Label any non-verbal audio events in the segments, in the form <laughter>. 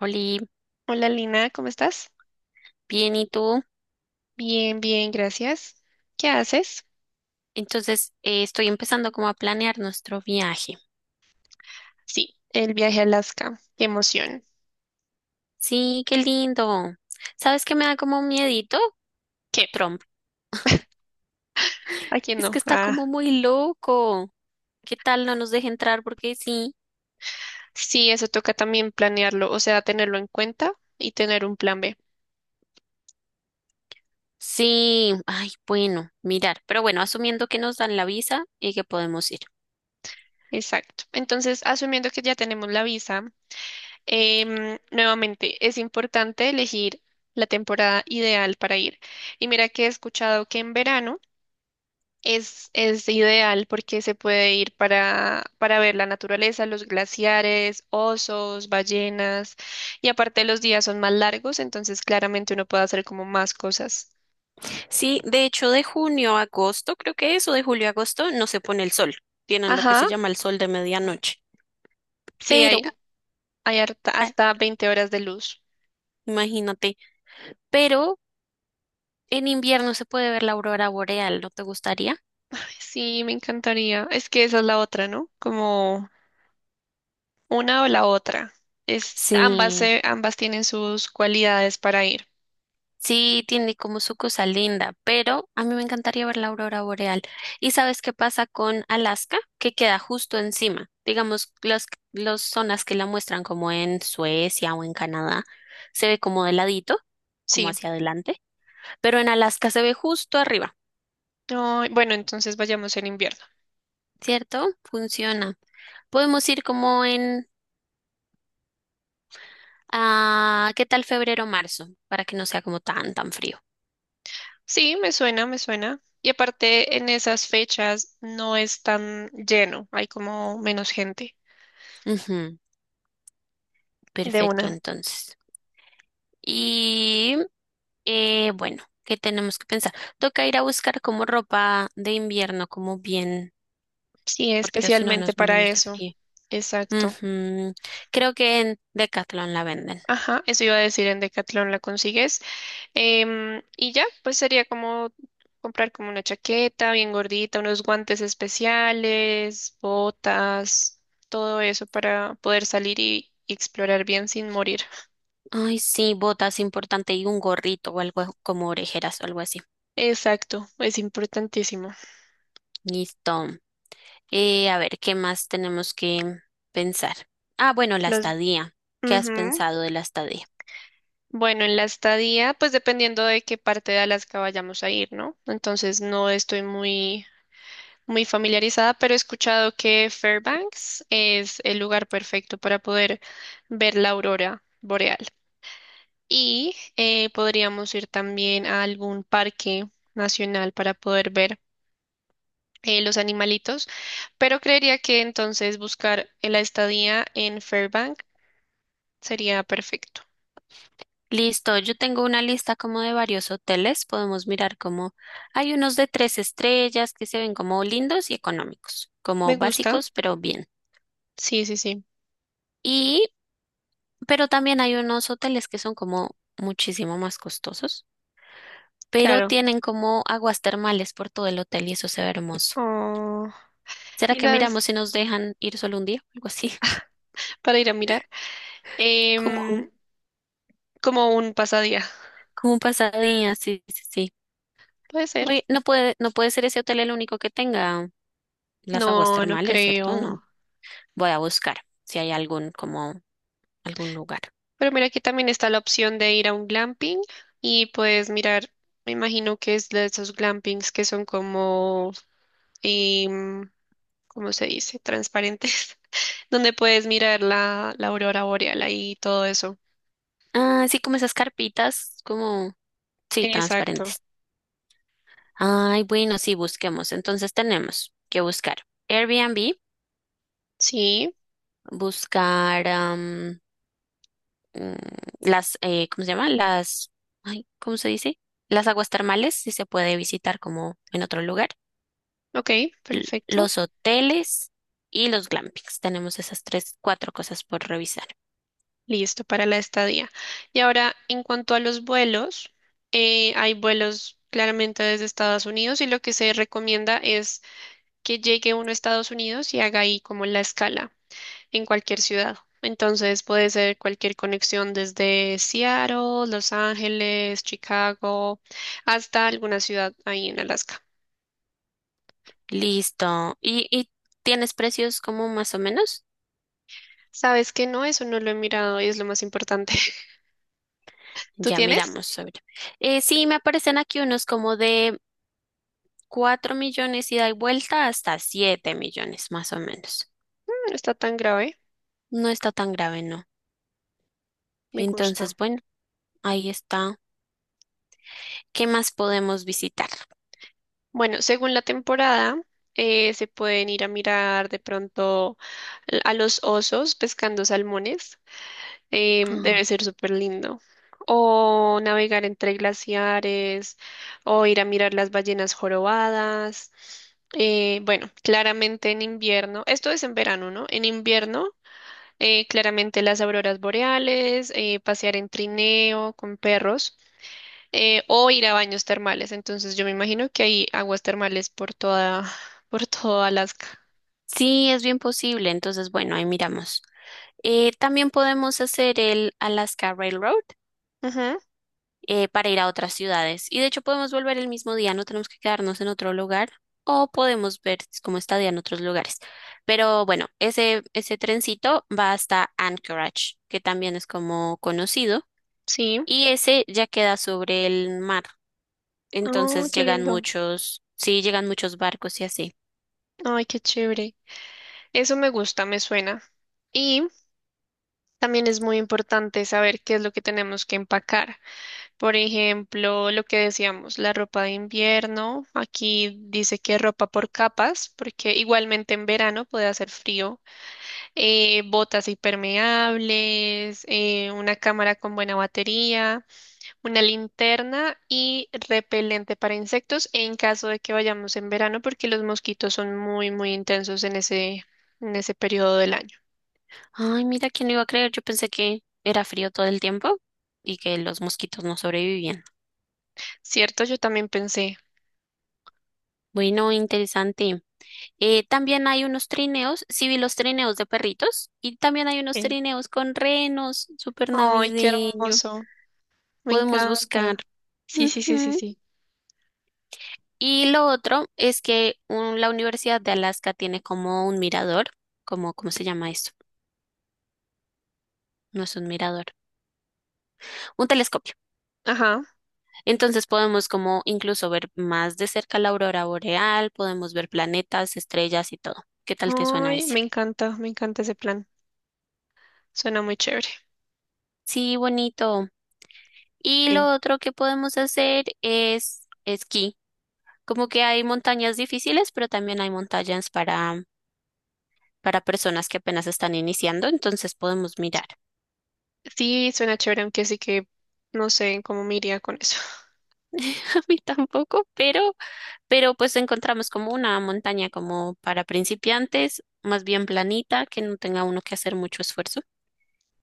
Oli, Hola Lina, ¿cómo estás? bien, ¿y tú? Bien, bien, gracias. ¿Qué haces? Entonces, estoy empezando como a planear nuestro viaje. Sí, el viaje a Alaska. Qué emoción. Sí, qué lindo. ¿Sabes qué me da como miedito? ¿Qué? Trump. ¿A quién Es no? que está como Ah, muy loco. ¿Qué tal no nos deje entrar? Porque sí. sí, eso toca también planearlo, o sea, tenerlo en cuenta y tener un plan B. Sí, ay, bueno, mirar. Pero bueno, asumiendo que nos dan la visa y que podemos ir. Exacto. Entonces, asumiendo que ya tenemos la visa, nuevamente es importante elegir la temporada ideal para ir. Y mira que he escuchado que en verano es ideal porque se puede ir para ver la naturaleza, los glaciares, osos, ballenas, y aparte los días son más largos, entonces claramente uno puede hacer como más cosas. Sí, de hecho, de junio a agosto, creo que es, o de julio a agosto, no se pone el sol. Tienen lo que Ajá, se llama el sol de medianoche. sí, Pero, hay ah, hasta 20 horas de luz. imagínate. Pero en invierno se puede ver la aurora boreal, ¿no te gustaría? Sí, me encantaría. Es que esa es la otra, ¿no? Como una o la otra. Ambas, Sí, ambas tienen sus cualidades para ir. sí, tiene como su cosa linda, pero a mí me encantaría ver la aurora boreal. ¿Y sabes qué pasa con Alaska? Que queda justo encima. Digamos, las los zonas que la muestran como en Suecia o en Canadá, se ve como de ladito, como Sí. hacia adelante, pero en Alaska se ve justo arriba, Ay, bueno, entonces vayamos en invierno. ¿cierto? Funciona. Podemos ir como en, ah, ¿qué tal febrero o marzo? Para que no sea como tan, tan frío. Sí, me suena, me suena. Y aparte, en esas fechas no es tan lleno, hay como menos gente Ujú. de Perfecto, una. entonces. Y bueno, ¿qué tenemos que pensar? Toca ir a buscar como ropa de invierno, como bien, Sí, porque si no especialmente nos para morimos de eso. frío. Exacto. Ujú. Creo que en Decathlon la venden. Ajá, eso iba a decir, en Decathlon la consigues. Y ya, pues sería como comprar como una chaqueta bien gordita, unos guantes especiales, botas, todo eso para poder salir y explorar bien sin morir. Ay, sí, botas importante y un gorrito o algo como orejeras o algo así. Exacto, es importantísimo. Listo. A ver, ¿qué más tenemos que pensar? Ah, bueno, la Los, estadía. ¿Qué has ujú. pensado de la estadía? Bueno, en la estadía, pues dependiendo de qué parte de Alaska vayamos a ir, ¿no? Entonces no estoy muy, muy familiarizada, pero he escuchado que Fairbanks es el lugar perfecto para poder ver la aurora boreal. Y podríamos ir también a algún parque nacional para poder ver los animalitos, pero creería que entonces buscar la estadía en Fairbanks sería perfecto. Listo, yo tengo una lista como de varios hoteles, podemos mirar como hay unos de tres estrellas que se ven como lindos y económicos, como Me gusta. básicos, pero bien. Sí, sí, sí. Y, pero también hay unos hoteles que son como muchísimo más costosos, pero Claro. tienen como aguas termales por todo el hotel y eso se ve hermoso. Oh. ¿Será que Quizás miramos si nos dejan ir solo un día? Algo así, <laughs> para ir a mirar. como, un- Em, como un pasadía. como un pasadía, sí, sí, sí. Puede ser. Oye, no puede ser ese hotel el único que tenga las aguas No, no termales, ¿cierto? No. creo. Voy a buscar si hay algún lugar. Pero mira, aquí también está la opción de ir a un glamping y puedes mirar, me imagino que es de esos glampings que son como, em, ¿cómo se dice? Transparentes, <laughs> donde puedes mirar la aurora boreal ahí y todo eso. Ah, sí, como esas carpitas, como sí, Exacto. transparentes. Ay, bueno, sí, busquemos. Entonces tenemos que buscar Airbnb, Sí, buscar mm, las, ¿cómo se llama? Las, ay, ¿cómo se dice? Las aguas termales, si se puede visitar como en otro lugar. ok, L- perfecto. los hoteles y los glampings. Tenemos esas tres, cuatro cosas por revisar. Listo para la estadía. Y ahora, en cuanto a los vuelos, hay vuelos claramente desde Estados Unidos y lo que se recomienda es que llegue uno a Estados Unidos y haga ahí como la escala en cualquier ciudad. Entonces puede ser cualquier conexión desde Seattle, Los Ángeles, Chicago, hasta alguna ciudad ahí en Alaska. Listo. ¿Y tienes precios como más o menos? ¿Sabes que no? Eso no lo he mirado y es lo más importante. <laughs> ¿Tú Ya tienes? miramos sobre. Sí, me aparecen aquí unos como de 4 millones ida y vuelta hasta 7 millones más o menos. No está tan grave. No está tan grave, ¿no? Me gusta. Entonces, bueno, ahí está. ¿Qué más podemos visitar? Bueno, según la temporada, se pueden ir a mirar de pronto a los osos pescando salmones. em, Ah. debe ser súper lindo. O navegar entre glaciares, o ir a mirar las ballenas jorobadas. Bueno, claramente en invierno, esto es en verano, ¿no? En invierno, claramente las auroras boreales, pasear en trineo con perros, o ir a baños termales. Entonces yo me imagino que hay aguas termales por toda, <laughs> por todo Alaska. Sí, es bien posible. Entonces, bueno, ahí miramos. También podemos hacer el Alaska Railroad. Ujú, Para ir a otras ciudades. Y de hecho podemos volver el mismo día, no tenemos que quedarnos en otro lugar o podemos ver cómo está día en otros lugares. Pero bueno, ese trencito va hasta Anchorage, que también es como conocido, sí. y ese ya queda sobre el mar. Oh, Entonces qué llegan lindo. muchos, sí, llegan muchos barcos y así. Ay, qué chévere. Eso me gusta, me suena. Y también es muy importante saber qué es lo que tenemos que empacar. Por ejemplo, lo que decíamos, la ropa de invierno. Aquí dice que ropa por capas, porque igualmente en verano puede hacer frío. Botas impermeables, una cámara con buena batería, una linterna y repelente para insectos en caso de que vayamos en verano, porque los mosquitos son muy, muy intensos en ese periodo del año. Ay, mira, ¿quién lo iba a creer? Yo pensé que era frío todo el tiempo y que los mosquitos no sobrevivían. ¿Cierto? Yo también pensé. Bueno, interesante. También hay unos trineos, sí vi los trineos de perritos y también hay unos Sí. trineos con renos, súper Ay, qué navideño. hermoso. Me Podemos buscar. encanta. Sí, sí, sí, sí, Ujú. sí. Y lo otro es que la Universidad de Alaska tiene como un mirador, como, ¿cómo se llama esto? No es un mirador, un telescopio. Ajá. Entonces podemos como incluso ver más de cerca la aurora boreal, podemos ver planetas, estrellas y todo. ¿Qué tal te suena Ay, ese? Me encanta ese plan. Suena muy chévere. Sí, bonito. Y Sí, lo otro que podemos hacer es esquí. Como que hay montañas difíciles, pero también hay montañas para personas que apenas están iniciando, entonces podemos mirar. sí, suena chévere, aunque sí que no sé cómo me iría con eso. <laughs> A mí tampoco, pero pues encontramos como una montaña como para principiantes, más bien planita, que no tenga uno que hacer mucho esfuerzo.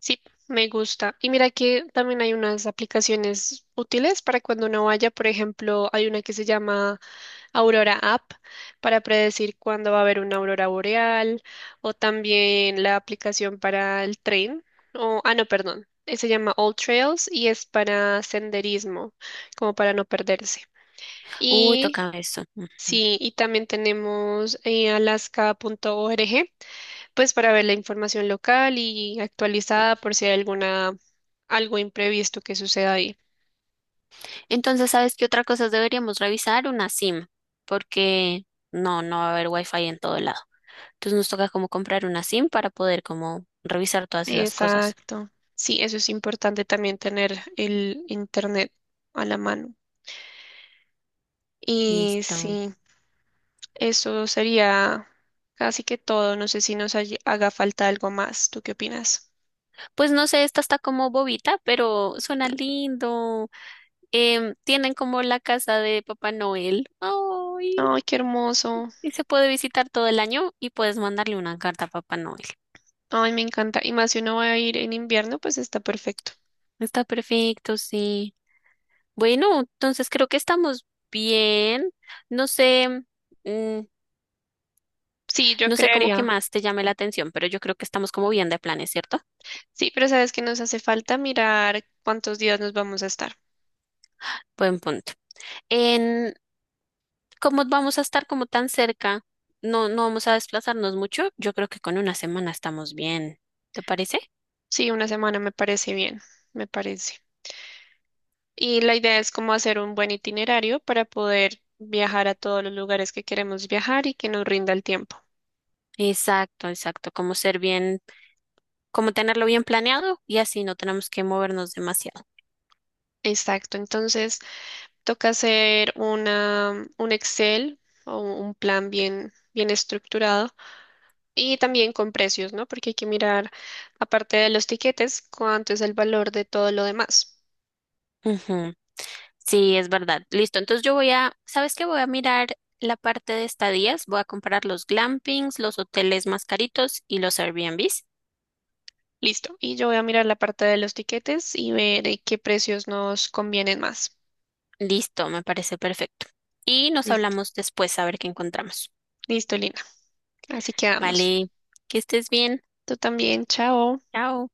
Sí, me gusta. Y mira que también hay unas aplicaciones útiles para cuando uno vaya. Por ejemplo, hay una que se llama Aurora App, para predecir cuándo va a haber una aurora boreal, o también la aplicación para el tren. O, ah, no, perdón. Se llama All Trails y es para senderismo, como para no perderse. Uy, Y toca eso. Ujú. sí, y también tenemos alaska.org, pues para ver la información local y actualizada por si hay alguna, algo imprevisto que suceda ahí. Entonces, ¿sabes qué otra cosa deberíamos revisar? Una SIM, porque no va a haber wifi en todo lado. Entonces nos toca como comprar una SIM para poder como revisar todas esas cosas. Exacto. Sí, eso es importante también, tener el internet a la mano. Y Listo. sí, eso sería casi que todo. No sé si nos haga falta algo más. ¿Tú qué opinas? Pues no sé, esta está como bobita, pero suena lindo. Tienen como la casa de Papá Noel. Ay, Ay, qué hermoso. y se puede visitar todo el año y puedes mandarle una carta a Papá Noel. Ay, me encanta. Y más si uno va a ir en invierno, pues está perfecto. Está perfecto, sí. Bueno, entonces creo que estamos bien. No sé, mm, Sí, yo no sé cómo que creería. más te llame la atención, pero yo creo que estamos como bien de planes, ¿cierto? Sí, pero sabes que nos hace falta mirar cuántos días nos vamos a estar. Buen punto. En Como vamos a estar como tan cerca, no vamos a desplazarnos mucho, yo creo que con una semana estamos bien. ¿Te parece? Sí, una semana me parece bien, me parece. Y la idea es como hacer un buen itinerario para poder viajar a todos los lugares que queremos viajar y que nos rinda el tiempo. Exacto, exacto. Como ser bien, como tenerlo bien planeado y así no tenemos que movernos demasiado. Exacto, entonces toca hacer un Excel o un plan bien, bien estructurado, y también con precios, ¿no? Porque hay que mirar, aparte de los tiquetes, cuánto es el valor de todo lo demás. Ujú. Sí, es verdad. Listo. Entonces yo voy a, ¿sabes qué? Voy a mirar la parte de estadías. Voy a comparar los glampings, los hoteles más caritos y los Airbnbs. Listo, y yo voy a mirar la parte de los tiquetes y ver qué precios nos convienen más. Listo, me parece perfecto. Y nos Listo. hablamos después a ver qué encontramos. Listo, Lina. Así que vamos. Vale, que estés bien. Tú también, chao. Chao.